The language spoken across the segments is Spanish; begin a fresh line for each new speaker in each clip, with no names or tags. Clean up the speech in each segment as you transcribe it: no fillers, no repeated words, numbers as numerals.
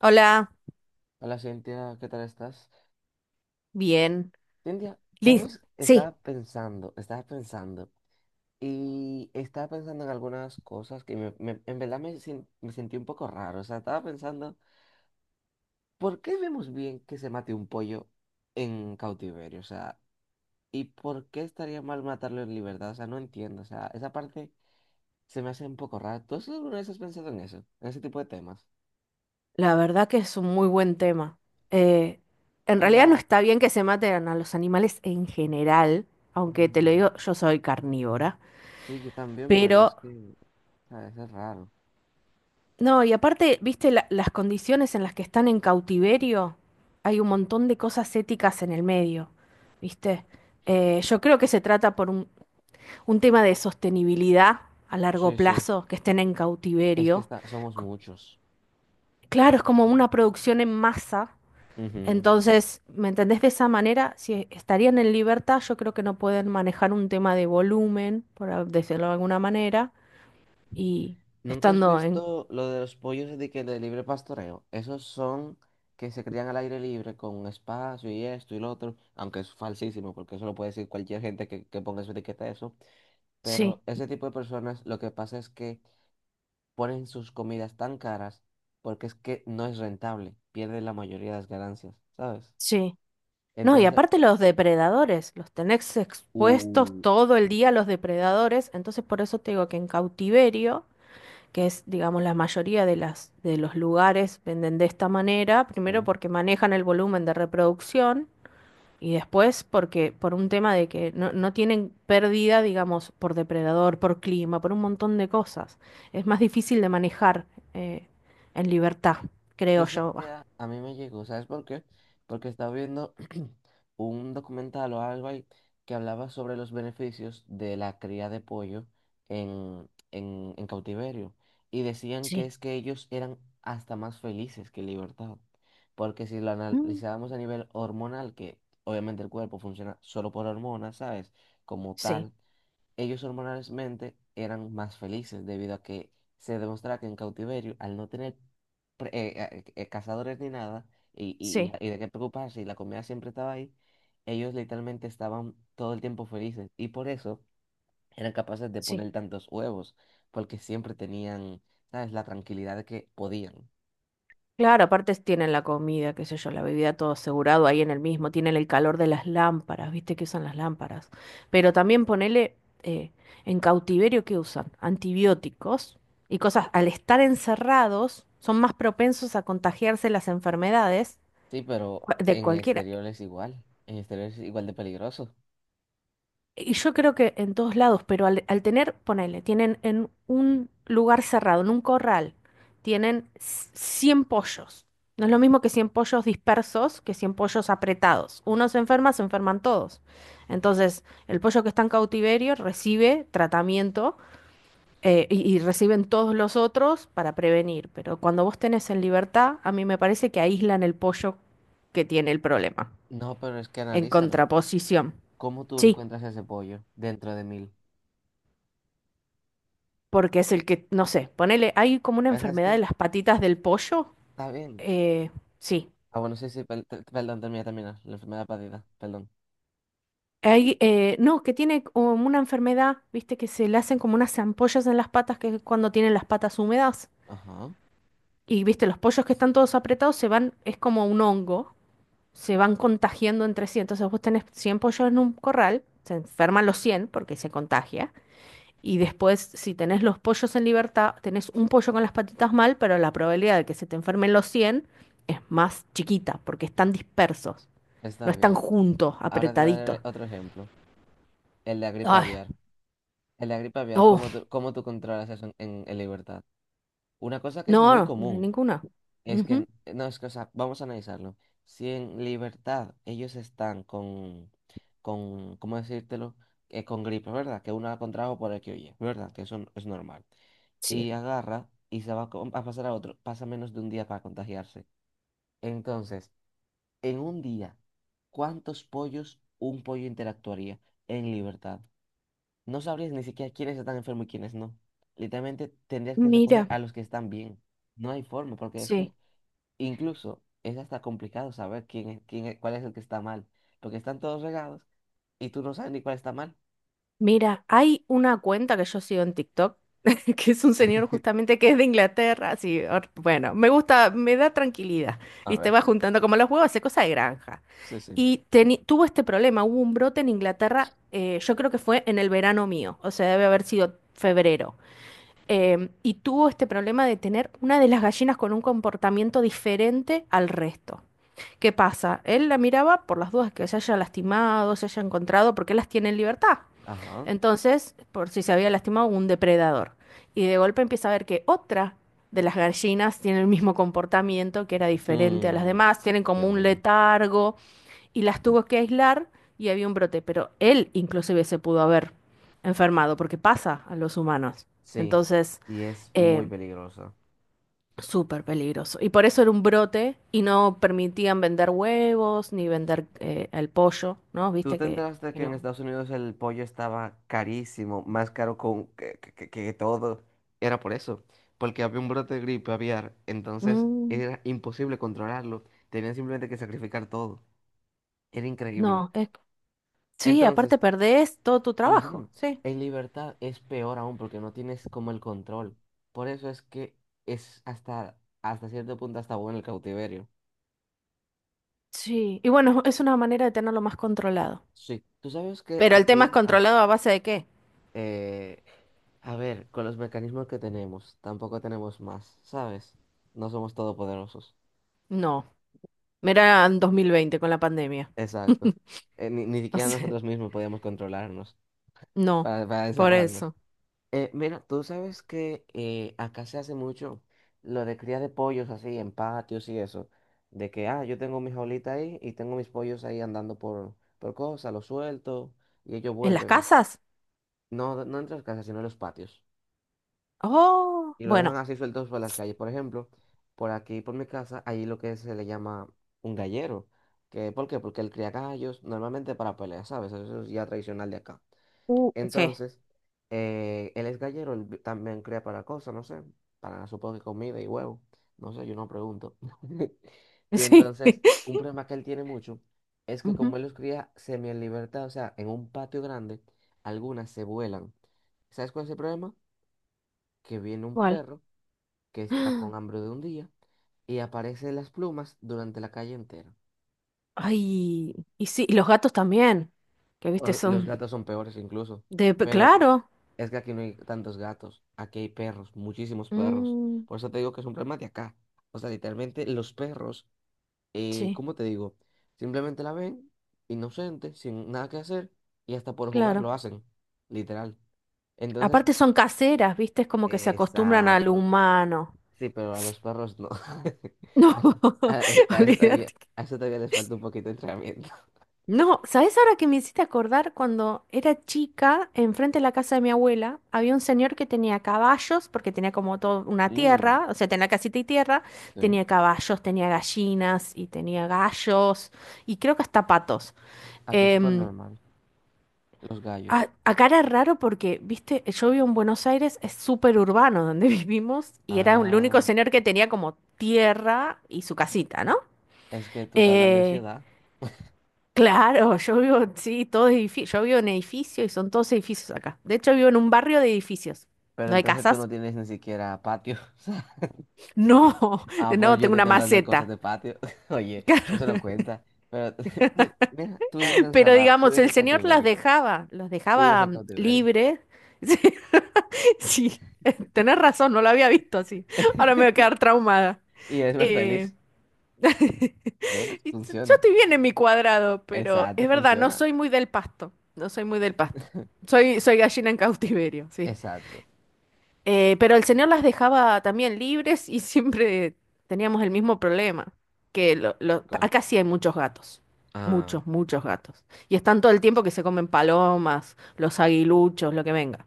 Hola,
Hola Cintia, ¿qué tal estás?
bien.
Cintia,
Liz,
¿sabes?
sí,
Estaba pensando, en algunas cosas que en verdad me, sin- me sentí un poco raro. O sea, estaba pensando, ¿por qué vemos bien que se mate un pollo en cautiverio? O sea, ¿y por qué estaría mal matarlo en libertad? O sea, no entiendo. O sea, esa parte se me hace un poco rara. ¿Tú alguna vez has pensado en eso? En ese tipo de temas.
la verdad que es un muy buen tema. Eh, en
O
realidad no
sea,
está bien que se maten a los animales en general, aunque te lo
mm,
digo, yo soy carnívora.
sí, yo también, pero es
Pero
que, o sea, eso es raro.
no, y aparte, viste las condiciones en las que están en cautiverio, hay un montón de cosas éticas en el medio, viste. Yo creo que se trata por un tema de sostenibilidad a largo
Sí, sí.
plazo, que estén en
Es que
cautiverio.
somos
Co-
muchos.
Claro, es como una producción en masa.
Ujú.
Entonces, ¿me entendés de esa manera? Si estarían en libertad, yo creo que no pueden manejar un tema de volumen, por decirlo de alguna manera, y
¿Nunca has
estando en.
visto lo de los pollos de libre pastoreo? Esos son que se crían al aire libre con espacio y esto y lo otro, aunque es falsísimo, porque eso lo puede decir cualquier gente que ponga su etiqueta a eso.
Sí,
Pero ese tipo de personas lo que pasa es que ponen sus comidas tan caras porque es que no es rentable, pierden la mayoría de las ganancias, ¿sabes?
sí. No, y
Entonces,
aparte los depredadores, los tenés expuestos
Uh,
todo el día a los depredadores, entonces por eso te digo que en cautiverio, que es, digamos, la mayoría de las, de los lugares venden de esta manera, primero
sí.
porque manejan el volumen de reproducción. Y después, porque por un tema de que no, no tienen pérdida, digamos, por depredador, por clima, por un montón de cosas. Es más difícil de manejar eh, en libertad, creo
Esa
yo. Va.
idea a mí me llegó, ¿sabes por qué? Porque estaba viendo un documental o algo ahí que hablaba sobre los beneficios de la cría de pollo en, en cautiverio. Y decían que
Sí.
es que ellos eran hasta más felices que en libertad. Porque si lo
Mm,
analizábamos a nivel hormonal, que obviamente el cuerpo funciona solo por hormonas, ¿sabes? Como
sí,
tal. Ellos hormonalmente eran más felices debido a que se demostraba que en cautiverio, al no tener cazadores ni nada y, y,
sí,
y y de qué preocuparse y la comida siempre estaba ahí, ellos literalmente estaban todo el tiempo felices y por eso eran capaces de
sí.
poner tantos huevos, porque siempre tenían, ¿sabes?, la tranquilidad de que podían.
Claro, aparte tienen la comida, qué sé yo, la bebida, todo asegurado ahí en el mismo, tienen el calor de las lámparas, viste que usan las lámparas. Pero también ponele eh, en cautiverio que usan antibióticos y cosas, al estar encerrados, son más propensos a contagiarse las enfermedades
Sí, pero
de
en
cualquiera.
exterior es igual, en exterior es igual de peligroso.
Y yo creo que en todos lados, pero al, al tener, ponele, tienen en un lugar cerrado, en un corral, tienen 100 pollos. No es lo mismo que 100 pollos dispersos que 100 pollos apretados. Uno se enferma, se enferman todos. Entonces, el pollo que está en cautiverio recibe tratamiento y reciben todos los otros para prevenir. Pero cuando vos tenés en libertad, a mí me parece que aíslan el pollo que tiene el problema,
No, pero es que
en
analízalo.
contraposición.
¿Cómo tú
Sí.
encuentras ese pollo dentro de mil?
Porque es el que, no sé, ponele, hay como una enfermedad de las patitas del pollo.
Está bien.
eh, sí.
Ah, bueno, sí, sí, perdón, termina, termina. La enfermedad perdida, perdón.
Hay, no, que tiene como una enfermedad, viste, que se le hacen como unas ampollas en las patas, que es cuando tienen las patas húmedas.
Ajá,
Y viste, los pollos que están todos apretados se van, es como un hongo, se van contagiando entre sí. Entonces vos tenés 100 pollos en un corral, se enferman los 100 porque se contagia. Y después, si tenés los pollos en libertad, tenés un pollo con las patitas mal, pero la probabilidad de que se te enfermen los 100 es más chiquita, porque están dispersos, no
está
están
bien.
juntos,
Ahora te
apretaditos.
daré otro ejemplo. El de la gripe
Ay,
aviar. El de la gripe aviar, ¿cómo
oh,
tú, cómo tú controlas eso en, en libertad? Una cosa que es
no,
muy
no,
común
ninguna.
es que,
Ujú.
no, es que, o sea, vamos a analizarlo. Si en libertad ellos están con, ¿cómo decírtelo? Con gripe, ¿verdad? Que uno la contrajo por el que oye, ¿verdad? Que eso es normal.
Sí.
Y agarra y se va a a pasar a otro. Pasa menos de un día para contagiarse. Entonces, en un día, ¿cuántos pollos un pollo interactuaría en libertad? No sabrías ni siquiera quiénes están enfermos y quiénes no. Literalmente tendrías que recoger
Mira,
a los que están bien. No hay forma, porque es que
sí.
incluso es hasta complicado saber quién es, cuál es el que está mal, porque están todos regados y tú no sabes ni cuál está mal.
Mira, hay una cuenta que yo sigo en TikTok, que es un señor justamente que es de Inglaterra, así, or- bueno, me gusta, me da tranquilidad,
A
y te
ver.
va juntando como los huevos, hace cosa de granja.
Sí, sí.
Y teni- tuvo este problema, hubo un brote en Inglaterra. Eh, yo creo que fue en el verano mío, o sea, debe haber sido febrero. Y tuvo este problema de tener una de las gallinas con un comportamiento diferente al resto. ¿Qué pasa? Él la miraba por las dudas que se haya lastimado, se haya encontrado, porque él las tiene en libertad.
Ajá.
Entonces, por si se había lastimado, un depredador. Y de golpe empieza a ver que otra de las gallinas tiene el mismo comportamiento, que era diferente a las
Mm,
demás, tienen como
Dios
un
mío.
letargo y las tuvo que aislar y había un brote. Pero él inclusive se pudo haber enfermado, porque pasa a los humanos.
Sí,
Entonces,
y es
eh,
muy peligroso.
súper peligroso. Y por eso era un brote y no permitían vender huevos ni vender el pollo, ¿no?
¿Tú
Viste
te
que.
enteraste
que
que en
lo-
Estados Unidos el pollo estaba carísimo, más caro todo? Era por eso, porque había un brote de gripe aviar, entonces
Mm,
era imposible controlarlo, tenían simplemente que sacrificar todo, era increíble.
no, es sí,
Entonces,
aparte perdés todo tu
ujú,
trabajo, sí.
en libertad es peor aún porque no tienes como el control. Por eso es que es hasta, hasta cierto punto hasta bueno el cautiverio.
Sí, y bueno, es una manera de tenerlo más controlado.
Sí, tú sabes que
¿Pero el tema es
aquí.
controlado a base de qué?
Eh, a ver, con los mecanismos que tenemos, tampoco tenemos más, ¿sabes? No somos todopoderosos.
No, mira en 2020 con la pandemia.
Exacto. Ni
O
siquiera
sea,
nosotros mismos podíamos controlarnos
no,
para,
por
encerrarnos.
eso.
Mira, tú sabes que acá se hace mucho lo de cría de pollos así en patios y eso. De que, yo tengo mi jaulita ahí y tengo mis pollos ahí andando por, cosas, los suelto y ellos
¿En las
vuelven.
casas?
No, no en las casas, sino en los patios.
Oh,
Y lo dejan
bueno.
así sueltos por las calles. Por ejemplo, por aquí, por mi casa, hay lo que se le llama un gallero. Que, ¿por qué? Porque él cría gallos normalmente para peleas, ¿sabes? Eso es ya tradicional de acá.
Sí,
Entonces, él es gallero, él también cría para cosas, no sé, para supongo que comida y huevo. No sé, yo no pregunto. Y
sí.
entonces, un problema que él tiene mucho es que
Ujú.
como él los cría semi en libertad, o sea, en un patio grande, algunas se vuelan. ¿Sabes cuál es el problema? Que viene un
Igual.
perro que está con hambre de un día y aparece las plumas durante la calle entera.
Ay, y sí, y los gatos también, que viste,
Los
son
gatos son peores incluso,
de.
pero
Claro.
es que aquí no hay tantos gatos, aquí hay perros, muchísimos perros.
Mm,
Por eso te digo que es un problema de acá. O sea, literalmente los perros,
sí,
¿cómo te digo? Simplemente la ven, inocente, sin nada que hacer, y hasta por jugar
claro.
lo hacen, literal. Entonces,
Aparte son caseras, ¿viste? Es como que se acostumbran al
exacto.
humano.
Sí, pero a los perros no.
No,
A, a-
olvídate.
a eso todavía les falta un poquito de entrenamiento.
No, ¿sabés? Ahora que me hiciste acordar, cuando era chica, enfrente de la casa de mi abuela había un señor que tenía caballos, porque tenía como toda una
Mm,
tierra, o sea, tenía casita y tierra,
sí.
tenía caballos, tenía gallinas y tenía gallos y creo que hasta patos.
Aquí es súper
Em,
normal. Los gallos.
Acá era raro porque, viste, yo vivo en Buenos Aires, es súper urbano donde vivimos y era el único
Ah,
señor que tenía como tierra y su casita, ¿no?
es que tú estás hablando de
Eh,
ciudad,
claro, yo vivo, sí, todo edificio, yo vivo en edificio y son todos edificios acá. De hecho, vivo en un barrio de edificios.
pero
¿No hay
entonces tú no
casas?
tienes ni siquiera patio. O sea,
No,
pues
no,
yo
tengo
te
una
estoy hablando de cosas
maceta.
de patio. Oye, eso no cuenta. Pero mira, tú vives
Pero
encerrado, tú
digamos,
vives
el
en
señor las
cautiverio,
dejaba, los
tú vives
dejaba
en cautiverio.
libres. Sí, tenés razón, no lo había visto así. Ahora me voy a quedar traumada.
Y eres más
Eh,
feliz. ¿Ves?
Yo
Funciona.
estoy bien en mi cuadrado, pero
Exacto,
es verdad, no
funciona.
soy muy del pasto. No soy muy del pasto. Soy gallina en cautiverio, sí.
Exacto.
Pero el señor las dejaba también libres y siempre teníamos el mismo problema.
Cal-
Acá sí hay muchos gatos.
Ah,
Muchos, muchos gatos. Y están todo el tiempo que se comen palomas, los aguiluchos, lo que venga.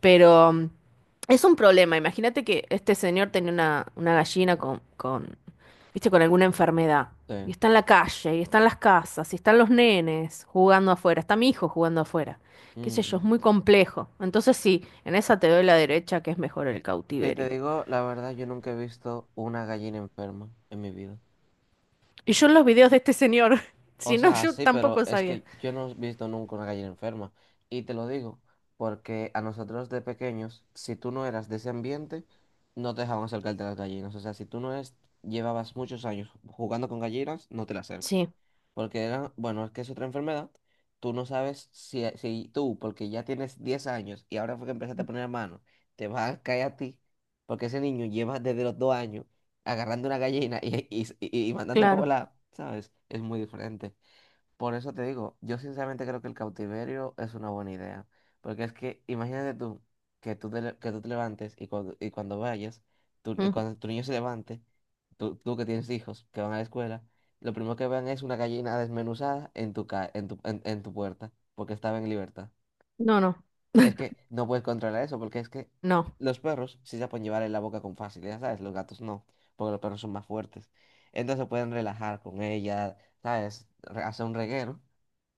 Pero es un problema. Imagínate que este señor tenía una, gallina con, viste, con alguna enfermedad. Y
sí.
está en la calle, y está en las casas, y están los nenes jugando afuera, está mi hijo jugando afuera. Qué sé yo,
Mm.
es muy complejo. Entonces sí, en esa te doy la derecha que es mejor el
Si te
cautiverio.
digo la verdad, yo nunca he visto una gallina enferma en mi vida.
Y yo en los videos de este señor,
O
si no,
sea,
yo
sí, pero
tampoco
es
sabía.
que yo no he visto nunca una gallina enferma. Y te lo digo, porque a nosotros de pequeños, si tú no eras de ese ambiente, no te dejaban acercarte a las gallinas. O sea, si tú no es, llevabas muchos años jugando con gallinas, no te las acerques.
Sí,
Porque era, bueno, es que es otra enfermedad. Tú no sabes si, si tú, porque ya tienes 10 años y ahora fue que empezaste a poner mano, te va a caer a ti, porque ese niño lleva desde los 2 años agarrando una gallina y mandándola a
claro.
volar, ¿sabes? Es muy diferente. Por eso te digo, yo sinceramente creo que el cautiverio es una buena idea, porque es que imagínate tú que tú que tú te levantes y
Mm.
cuando tu niño se levante, tú que tienes hijos que van a la escuela, lo primero que vean es una gallina desmenuzada en tu puerta, porque estaba en libertad.
No, no,
Es que no puedes controlar eso, porque es que
no,
los perros sí se pueden llevar en la boca con facilidad, ¿sabes? Los gatos no, porque los perros son más fuertes. Entonces pueden relajar con ella, ¿sabes? Hacer un reguero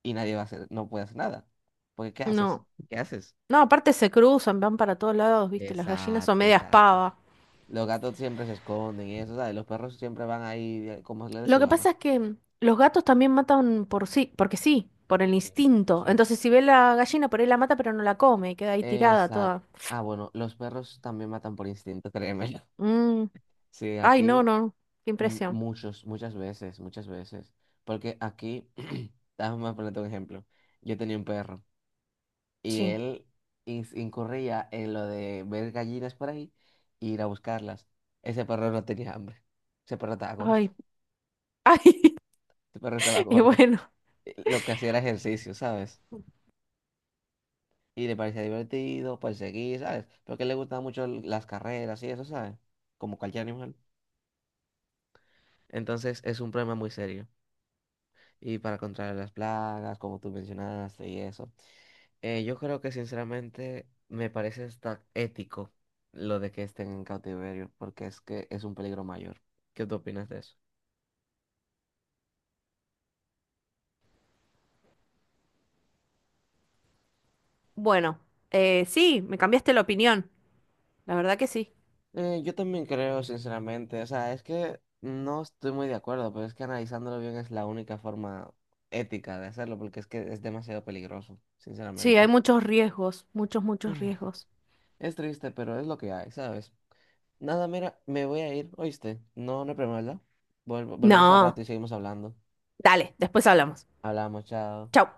y nadie va a hacer, no puede hacer nada. Porque ¿qué haces?
no.
¿Qué haces?
No, aparte se cruzan, van para todos lados, viste, las gallinas son
Exacto,
medias
exacto.
pavas.
Los gatos siempre se esconden y eso, ¿sabes? Los perros siempre van ahí como les dé
Lo
su
que
gana.
pasa es que los gatos también matan por sí, porque sí, por el
Sí,
instinto.
sí.
Entonces, si ve la gallina, por ahí la mata, pero no la come y queda ahí tirada
Exacto.
toda.
Ah, bueno, los perros también matan por instinto, créeme.
Mm,
Sí,
ay, no,
aquí.
no. Qué impresión.
Muchos, muchas veces, muchas veces. Porque aquí, déjame ponerte un ejemplo. Yo tenía un perro y
Sí.
él incurría en lo de ver gallinas por ahí e ir a buscarlas. Ese perro no tenía hambre. Ese perro estaba gordo.
Ay, ay.
Ese perro estaba
Y
gordo.
bueno.
Lo que hacía era ejercicio, ¿sabes? Y le parecía divertido, perseguir, ¿sabes? Porque le gustaban mucho las carreras y eso, ¿sabes? Como cualquier animal. Entonces es un problema muy serio. Y para controlar las plagas, como tú mencionaste y eso. Yo creo que sinceramente me parece hasta ético lo de que estén en cautiverio, porque es que es un peligro mayor. ¿Qué tú opinas de eso?
Bueno, sí, me cambiaste la opinión. La verdad que sí.
Yo también creo, sinceramente, o sea, es que no estoy muy de acuerdo, pero es que analizándolo bien es la única forma ética de hacerlo, porque es que es demasiado peligroso,
Sí, hay
sinceramente.
muchos riesgos, muchos, muchos riesgos.
Es triste, pero es lo que hay, ¿sabes? Nada, mira, me voy a ir, ¿oíste? No, no hay problema, ¿verdad? Volvemos al rato
No,
y seguimos hablando.
dale, después hablamos.
Hablamos, chao.
Chau.